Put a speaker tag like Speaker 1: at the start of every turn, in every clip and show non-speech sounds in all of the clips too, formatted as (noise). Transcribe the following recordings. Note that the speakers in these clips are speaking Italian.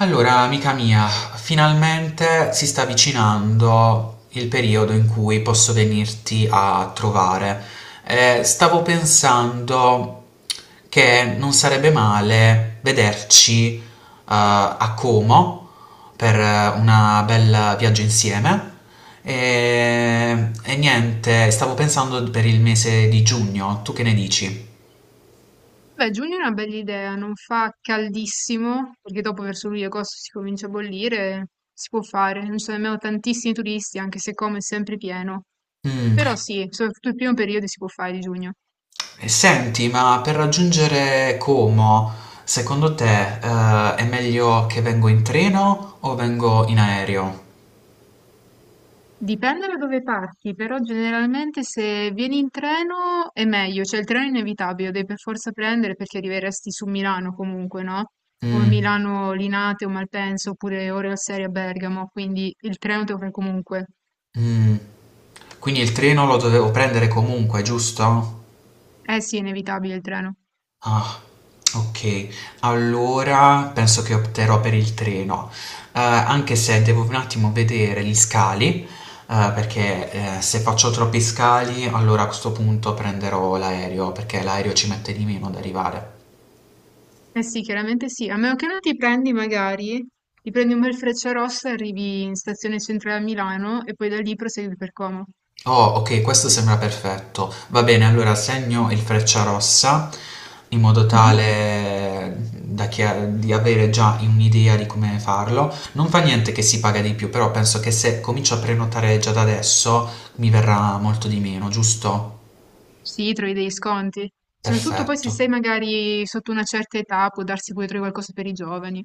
Speaker 1: Allora, amica mia, finalmente si sta avvicinando il periodo in cui posso venirti a trovare. Stavo pensando che non sarebbe male vederci, a Como per una bel viaggio insieme. E niente, stavo pensando per il mese di giugno, tu che ne dici?
Speaker 2: Beh, giugno è una bella idea, non fa caldissimo, perché dopo verso luglio e agosto si comincia a bollire, si può fare, non ci sono nemmeno tantissimi turisti, anche se come è sempre pieno. Però
Speaker 1: Mm.
Speaker 2: sì, soprattutto il primo periodo si può fare di giugno.
Speaker 1: E senti, ma per raggiungere Como, secondo te, è meglio che vengo in treno o vengo in aereo?
Speaker 2: Dipende da dove parti, però generalmente se vieni in treno è meglio, cioè il treno è inevitabile, lo devi per forza prendere perché arriveresti su Milano comunque, no? O
Speaker 1: Mm.
Speaker 2: Milano Linate o Malpensa, oppure ore al serie a Bergamo, quindi il treno te lo fai comunque.
Speaker 1: Mm. Quindi il treno lo dovevo prendere comunque, giusto?
Speaker 2: Eh sì, è inevitabile il treno.
Speaker 1: Ah, ok. Allora penso che opterò per il treno. Anche se devo un attimo vedere gli scali, perché se faccio troppi scali, allora a questo punto prenderò l'aereo, perché l'aereo ci mette di meno ad arrivare.
Speaker 2: Eh sì, chiaramente sì, a meno che non ti prendi magari, ti prendi un bel Frecciarossa, arrivi in stazione centrale a Milano e poi da lì prosegui per Como.
Speaker 1: Oh, ok, questo sembra perfetto. Va bene, allora segno il Frecciarossa in modo tale,
Speaker 2: Mhm.
Speaker 1: da di avere già un'idea di come farlo. Non fa niente che si paga di più, però penso che se comincio a prenotare già da adesso mi verrà molto di meno, giusto?
Speaker 2: Sì, trovi degli sconti. Soprattutto poi se
Speaker 1: Perfetto.
Speaker 2: sei magari sotto una certa età, può darsi pure trovi qualcosa per i giovani.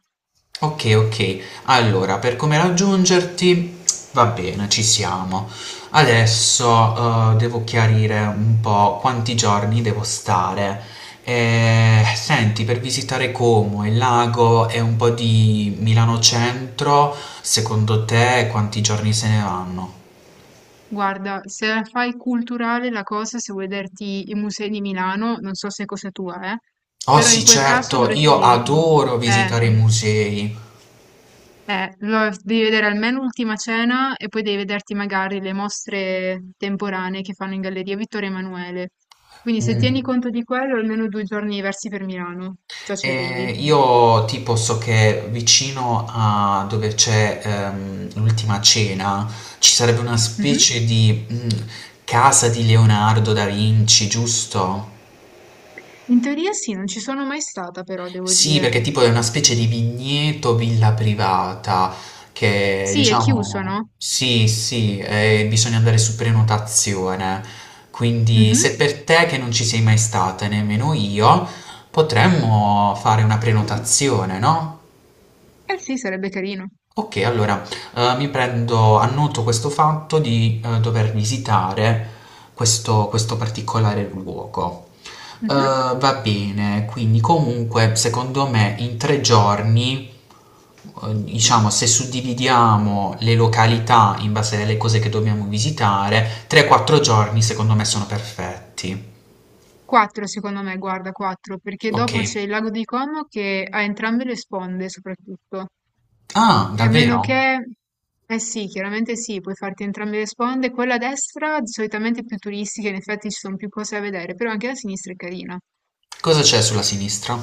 Speaker 1: Ok, ok. Allora, per come raggiungerti, va bene, ci siamo. Adesso, devo chiarire un po' quanti giorni devo stare. Senti, per visitare Como e il lago e un po' di Milano Centro, secondo te quanti giorni se ne vanno?
Speaker 2: Guarda, se la fai culturale la cosa, se vuoi vederti i musei di Milano, non so se è cosa tua,
Speaker 1: Oh
Speaker 2: però in
Speaker 1: sì,
Speaker 2: quel caso
Speaker 1: certo, io
Speaker 2: dovresti...
Speaker 1: adoro
Speaker 2: Eh,
Speaker 1: visitare i musei.
Speaker 2: Devi vedere almeno Ultima Cena e poi devi vederti magari le mostre temporanee che fanno in Galleria Vittorio Emanuele. Quindi se
Speaker 1: Mm.
Speaker 2: tieni conto di quello, almeno 2 giorni diversi per Milano, già ci arrivi.
Speaker 1: Io tipo so che vicino a dove c'è l'ultima cena ci sarebbe una
Speaker 2: Mhm.
Speaker 1: specie di casa di Leonardo da Vinci, giusto?
Speaker 2: In teoria sì, non ci sono mai stata però, devo
Speaker 1: Sì,
Speaker 2: dire.
Speaker 1: perché tipo è una specie di vigneto villa privata che
Speaker 2: Sì, è chiuso,
Speaker 1: diciamo
Speaker 2: no?
Speaker 1: sì, sì, bisogna andare su prenotazione. Quindi
Speaker 2: Mhm.
Speaker 1: se per te che non ci sei mai stata, nemmeno io, potremmo fare una prenotazione, no?
Speaker 2: Eh sì, sarebbe carino.
Speaker 1: Ok, allora mi prendo, annoto questo fatto di dover visitare questo particolare luogo.
Speaker 2: Mhm.
Speaker 1: Va bene, quindi comunque secondo me in 3 giorni, diciamo se suddividiamo le località in base alle cose che dobbiamo visitare, 3-4 giorni secondo me sono perfetti. Mhm.
Speaker 2: Quattro, secondo me, guarda, quattro, perché
Speaker 1: Ok.
Speaker 2: dopo c'è il lago di Como che ha entrambe le sponde, soprattutto.
Speaker 1: Ah,
Speaker 2: E a meno
Speaker 1: davvero?
Speaker 2: che, eh sì, chiaramente sì, puoi farti entrambe le sponde. Quella a destra solitamente è più turistica, in effetti ci sono più cose da vedere, però anche la sinistra è carina.
Speaker 1: Cosa c'è sulla sinistra?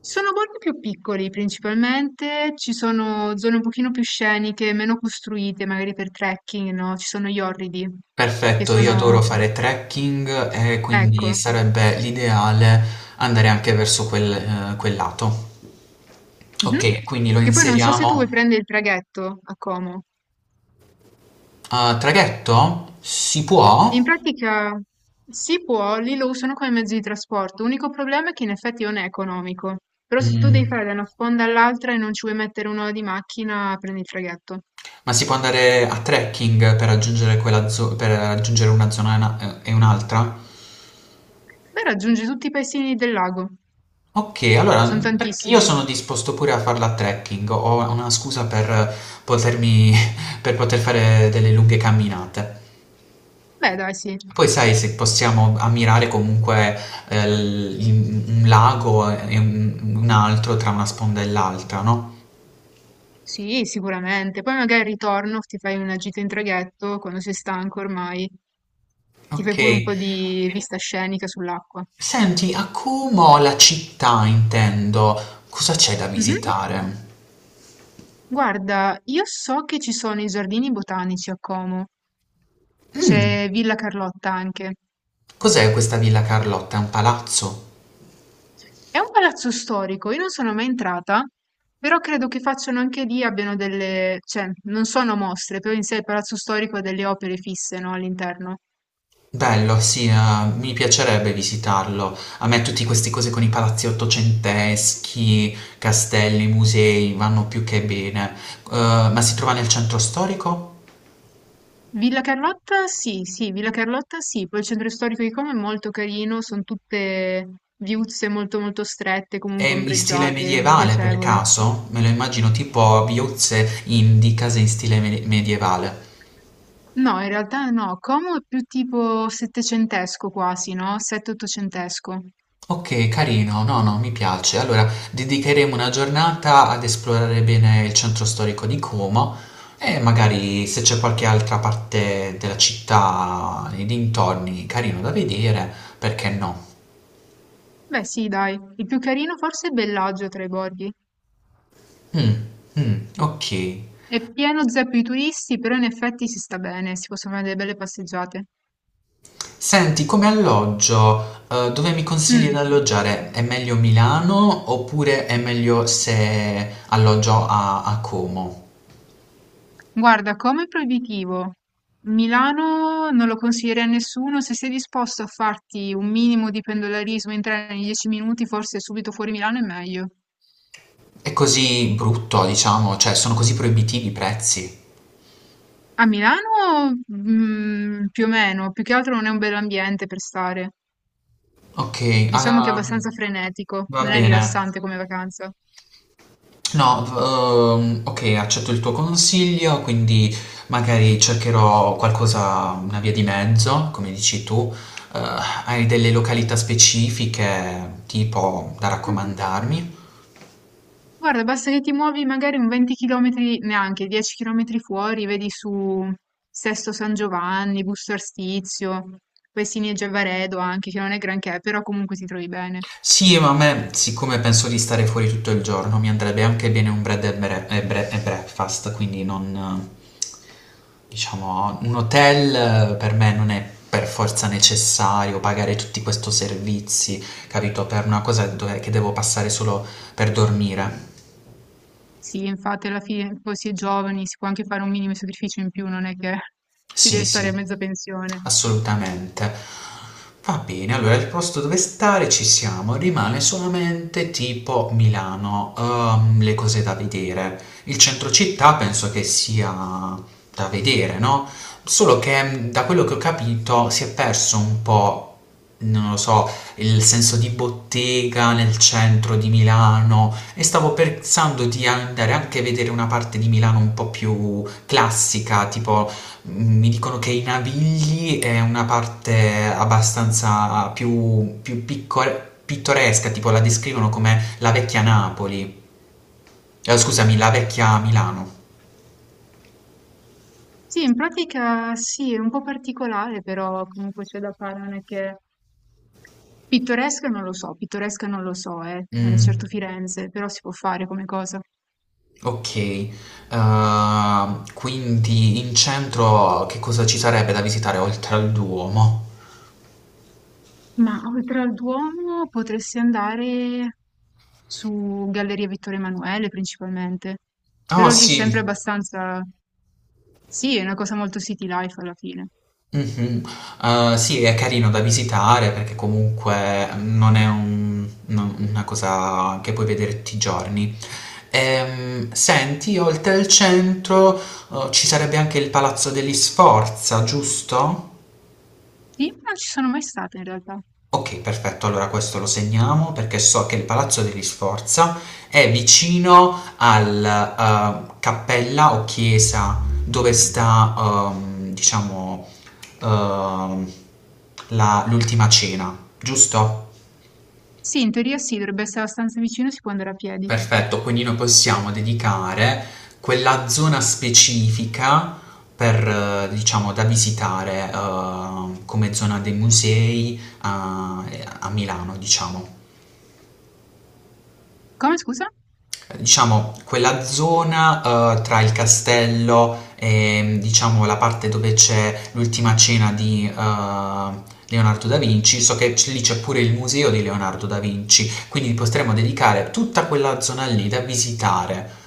Speaker 2: Sono borghi più piccoli principalmente, ci sono zone un pochino più sceniche, meno costruite, magari per trekking, no? Ci sono gli orridi, che
Speaker 1: Perfetto, io adoro
Speaker 2: sono,
Speaker 1: fare trekking e
Speaker 2: ecco.
Speaker 1: quindi sarebbe l'ideale andare anche verso quel lato.
Speaker 2: Mhm.
Speaker 1: Ok, quindi lo
Speaker 2: Che poi non so se tu
Speaker 1: inseriamo.
Speaker 2: vuoi prendere il traghetto a Como.
Speaker 1: A traghetto? Si
Speaker 2: In
Speaker 1: può?
Speaker 2: pratica si può, lì lo usano come mezzo di trasporto. L'unico problema è che in effetti non è economico. Però se tu devi fare
Speaker 1: Mm.
Speaker 2: da una sponda all'altra e non ci vuoi mettere un'ora di macchina, prendi il traghetto.
Speaker 1: Ma si può andare a trekking per raggiungere una zona e un'altra?
Speaker 2: Beh, raggiungi tutti i paesini del lago.
Speaker 1: Ok, allora
Speaker 2: Sono
Speaker 1: perché io
Speaker 2: tantissimi.
Speaker 1: sono disposto pure a farla a trekking, ho una scusa per potermi, (laughs) per poter fare delle lunghe camminate.
Speaker 2: Beh, dai, sì.
Speaker 1: Poi sai se possiamo ammirare comunque un lago e un altro tra una sponda e l'altra, no?
Speaker 2: Sì, sicuramente. Poi magari al ritorno ti fai una gita in traghetto quando sei stanco ormai. Ti
Speaker 1: Ok.
Speaker 2: fai pure un po' di vista scenica sull'acqua.
Speaker 1: Senti, a Como, la città intendo, cosa c'è da
Speaker 2: Mhm.
Speaker 1: visitare?
Speaker 2: Guarda, io so che ci sono i giardini botanici a Como,
Speaker 1: Mm.
Speaker 2: c'è Villa Carlotta anche.
Speaker 1: Cos'è questa Villa Carlotta? È un palazzo?
Speaker 2: È un palazzo storico, io non sono mai entrata, però credo che facciano anche lì, abbiano delle, cioè, non sono mostre, però in sé il palazzo storico ha delle opere fisse, no, all'interno.
Speaker 1: Bello, sì, mi piacerebbe visitarlo. A me tutte queste cose con i palazzi ottocenteschi, castelli, musei, vanno più che bene. Ma si trova nel centro storico?
Speaker 2: Villa Carlotta, sì, sì, Villa Carlotta, sì, poi il centro storico di Como è molto carino, sono tutte viuzze molto molto strette,
Speaker 1: È
Speaker 2: comunque
Speaker 1: in stile
Speaker 2: ombreggiate,
Speaker 1: medievale per
Speaker 2: piacevole.
Speaker 1: caso? Me lo immagino tipo viuzze di case in stile medievale.
Speaker 2: No, in realtà no, Como è più tipo settecentesco quasi, no? Sette-ottocentesco.
Speaker 1: Ok, carino, no, no, mi piace. Allora, dedicheremo una giornata ad esplorare bene il centro storico di Como e magari se c'è qualche altra parte della città, nei dintorni, carino da vedere, perché no?
Speaker 2: Beh, sì, dai, il più carino forse è Bellagio tra i borghi.
Speaker 1: Mm, mm, ok.
Speaker 2: È pieno zeppo di turisti, però in effetti si sta bene, si possono fare delle belle passeggiate.
Speaker 1: Senti, come alloggio, dove mi consigli di
Speaker 2: Mm.
Speaker 1: alloggiare? È meglio Milano oppure è meglio se alloggio a Como?
Speaker 2: Guarda, Como è proibitivo. Milano non lo consiglierei a nessuno, se sei disposto a farti un minimo di pendolarismo in treno in 10 minuti, forse subito fuori Milano è meglio.
Speaker 1: È così brutto, diciamo, cioè sono così proibitivi i prezzi.
Speaker 2: A Milano, mm, più o meno, più che altro non è un bel ambiente per stare.
Speaker 1: Ok,
Speaker 2: Diciamo che è
Speaker 1: ah,
Speaker 2: abbastanza frenetico,
Speaker 1: va
Speaker 2: non è
Speaker 1: bene.
Speaker 2: rilassante come vacanza.
Speaker 1: No, ok, accetto il tuo consiglio, quindi magari cercherò qualcosa, una via di mezzo, come dici tu. Eh, Hai delle località specifiche, tipo, da
Speaker 2: Mm.
Speaker 1: raccomandarmi?
Speaker 2: Guarda, basta che ti muovi magari un 20 km, neanche 10 km fuori, vedi su Sesto San Giovanni, Busto Arstizio, Pesini e Giavaredo anche, che non è granché, però comunque ti trovi bene.
Speaker 1: Sì, ma a me, siccome penso di stare fuori tutto il giorno, mi andrebbe anche bene un bread and breakfast, quindi non, diciamo, un hotel, per me non è per forza necessario pagare tutti questi servizi, capito? Per una cosa che devo passare solo per dormire.
Speaker 2: Sì, infatti alla fine poi si è giovani, si può anche fare un minimo sacrificio in più, non è che (laughs) si
Speaker 1: Sì,
Speaker 2: deve
Speaker 1: sì.
Speaker 2: stare a mezza pensione.
Speaker 1: Assolutamente. Va bene, allora il posto dove stare ci siamo, rimane solamente tipo Milano, le cose da vedere. Il centro città penso che sia da vedere, no? Solo che da quello che ho capito si è perso un po', non lo so, il senso di bottega nel centro di Milano e stavo pensando di andare anche a vedere una parte di Milano un po' più classica, tipo mi dicono che i Navigli è una parte abbastanza più, pittoresca, tipo la descrivono come la vecchia Napoli. Scusami, la vecchia Milano.
Speaker 2: Sì, in pratica sì, è un po' particolare, però comunque c'è da fare, non è che pittoresca non lo so, pittoresca non lo so, non è
Speaker 1: Mm,
Speaker 2: certo Firenze, però si può fare come cosa.
Speaker 1: ok. Quindi in centro che cosa ci sarebbe da visitare oltre al Duomo?
Speaker 2: Ma oltre al Duomo potresti andare su Galleria Vittorio Emanuele principalmente,
Speaker 1: Oh
Speaker 2: però lì è sempre
Speaker 1: sì.
Speaker 2: abbastanza... Sì, è una cosa molto city life alla fine.
Speaker 1: Mhm. Sì, è carino da visitare perché comunque non è una cosa che puoi vedere tutti i giorni. Senti, oltre il centro, ci sarebbe anche il Palazzo degli Sforza, giusto?
Speaker 2: Sì, non ci sono mai stata in realtà.
Speaker 1: Ok, perfetto, allora questo lo segniamo perché so che il Palazzo degli Sforza è vicino al, cappella o chiesa dove sta, diciamo, ehm, l'ultima cena, giusto?
Speaker 2: Sì, in teoria sì, dovrebbe essere abbastanza vicino, si può andare a piedi.
Speaker 1: Perfetto, quindi noi possiamo dedicare quella zona specifica per, diciamo, da visitare, come zona dei musei a Milano, diciamo.
Speaker 2: Come, scusa?
Speaker 1: Diciamo, quella zona, tra il castello e, diciamo, la parte dove c'è l'ultima cena di, Leonardo da Vinci, so che lì c'è pure il museo di Leonardo da Vinci, quindi potremmo dedicare tutta quella zona lì da visitare.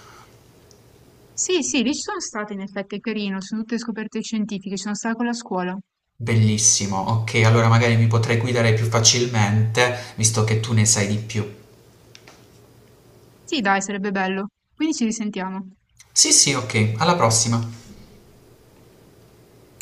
Speaker 2: Sì, sì, lì ci sono state in effetti, è carino, sono tutte scoperte scientifiche, ci sono stata con la scuola.
Speaker 1: Bellissimo, ok, allora magari mi potrai guidare più facilmente, visto che tu ne sai di più.
Speaker 2: Sì dai, sarebbe bello, quindi ci risentiamo.
Speaker 1: Sì, sì, ok, alla prossima.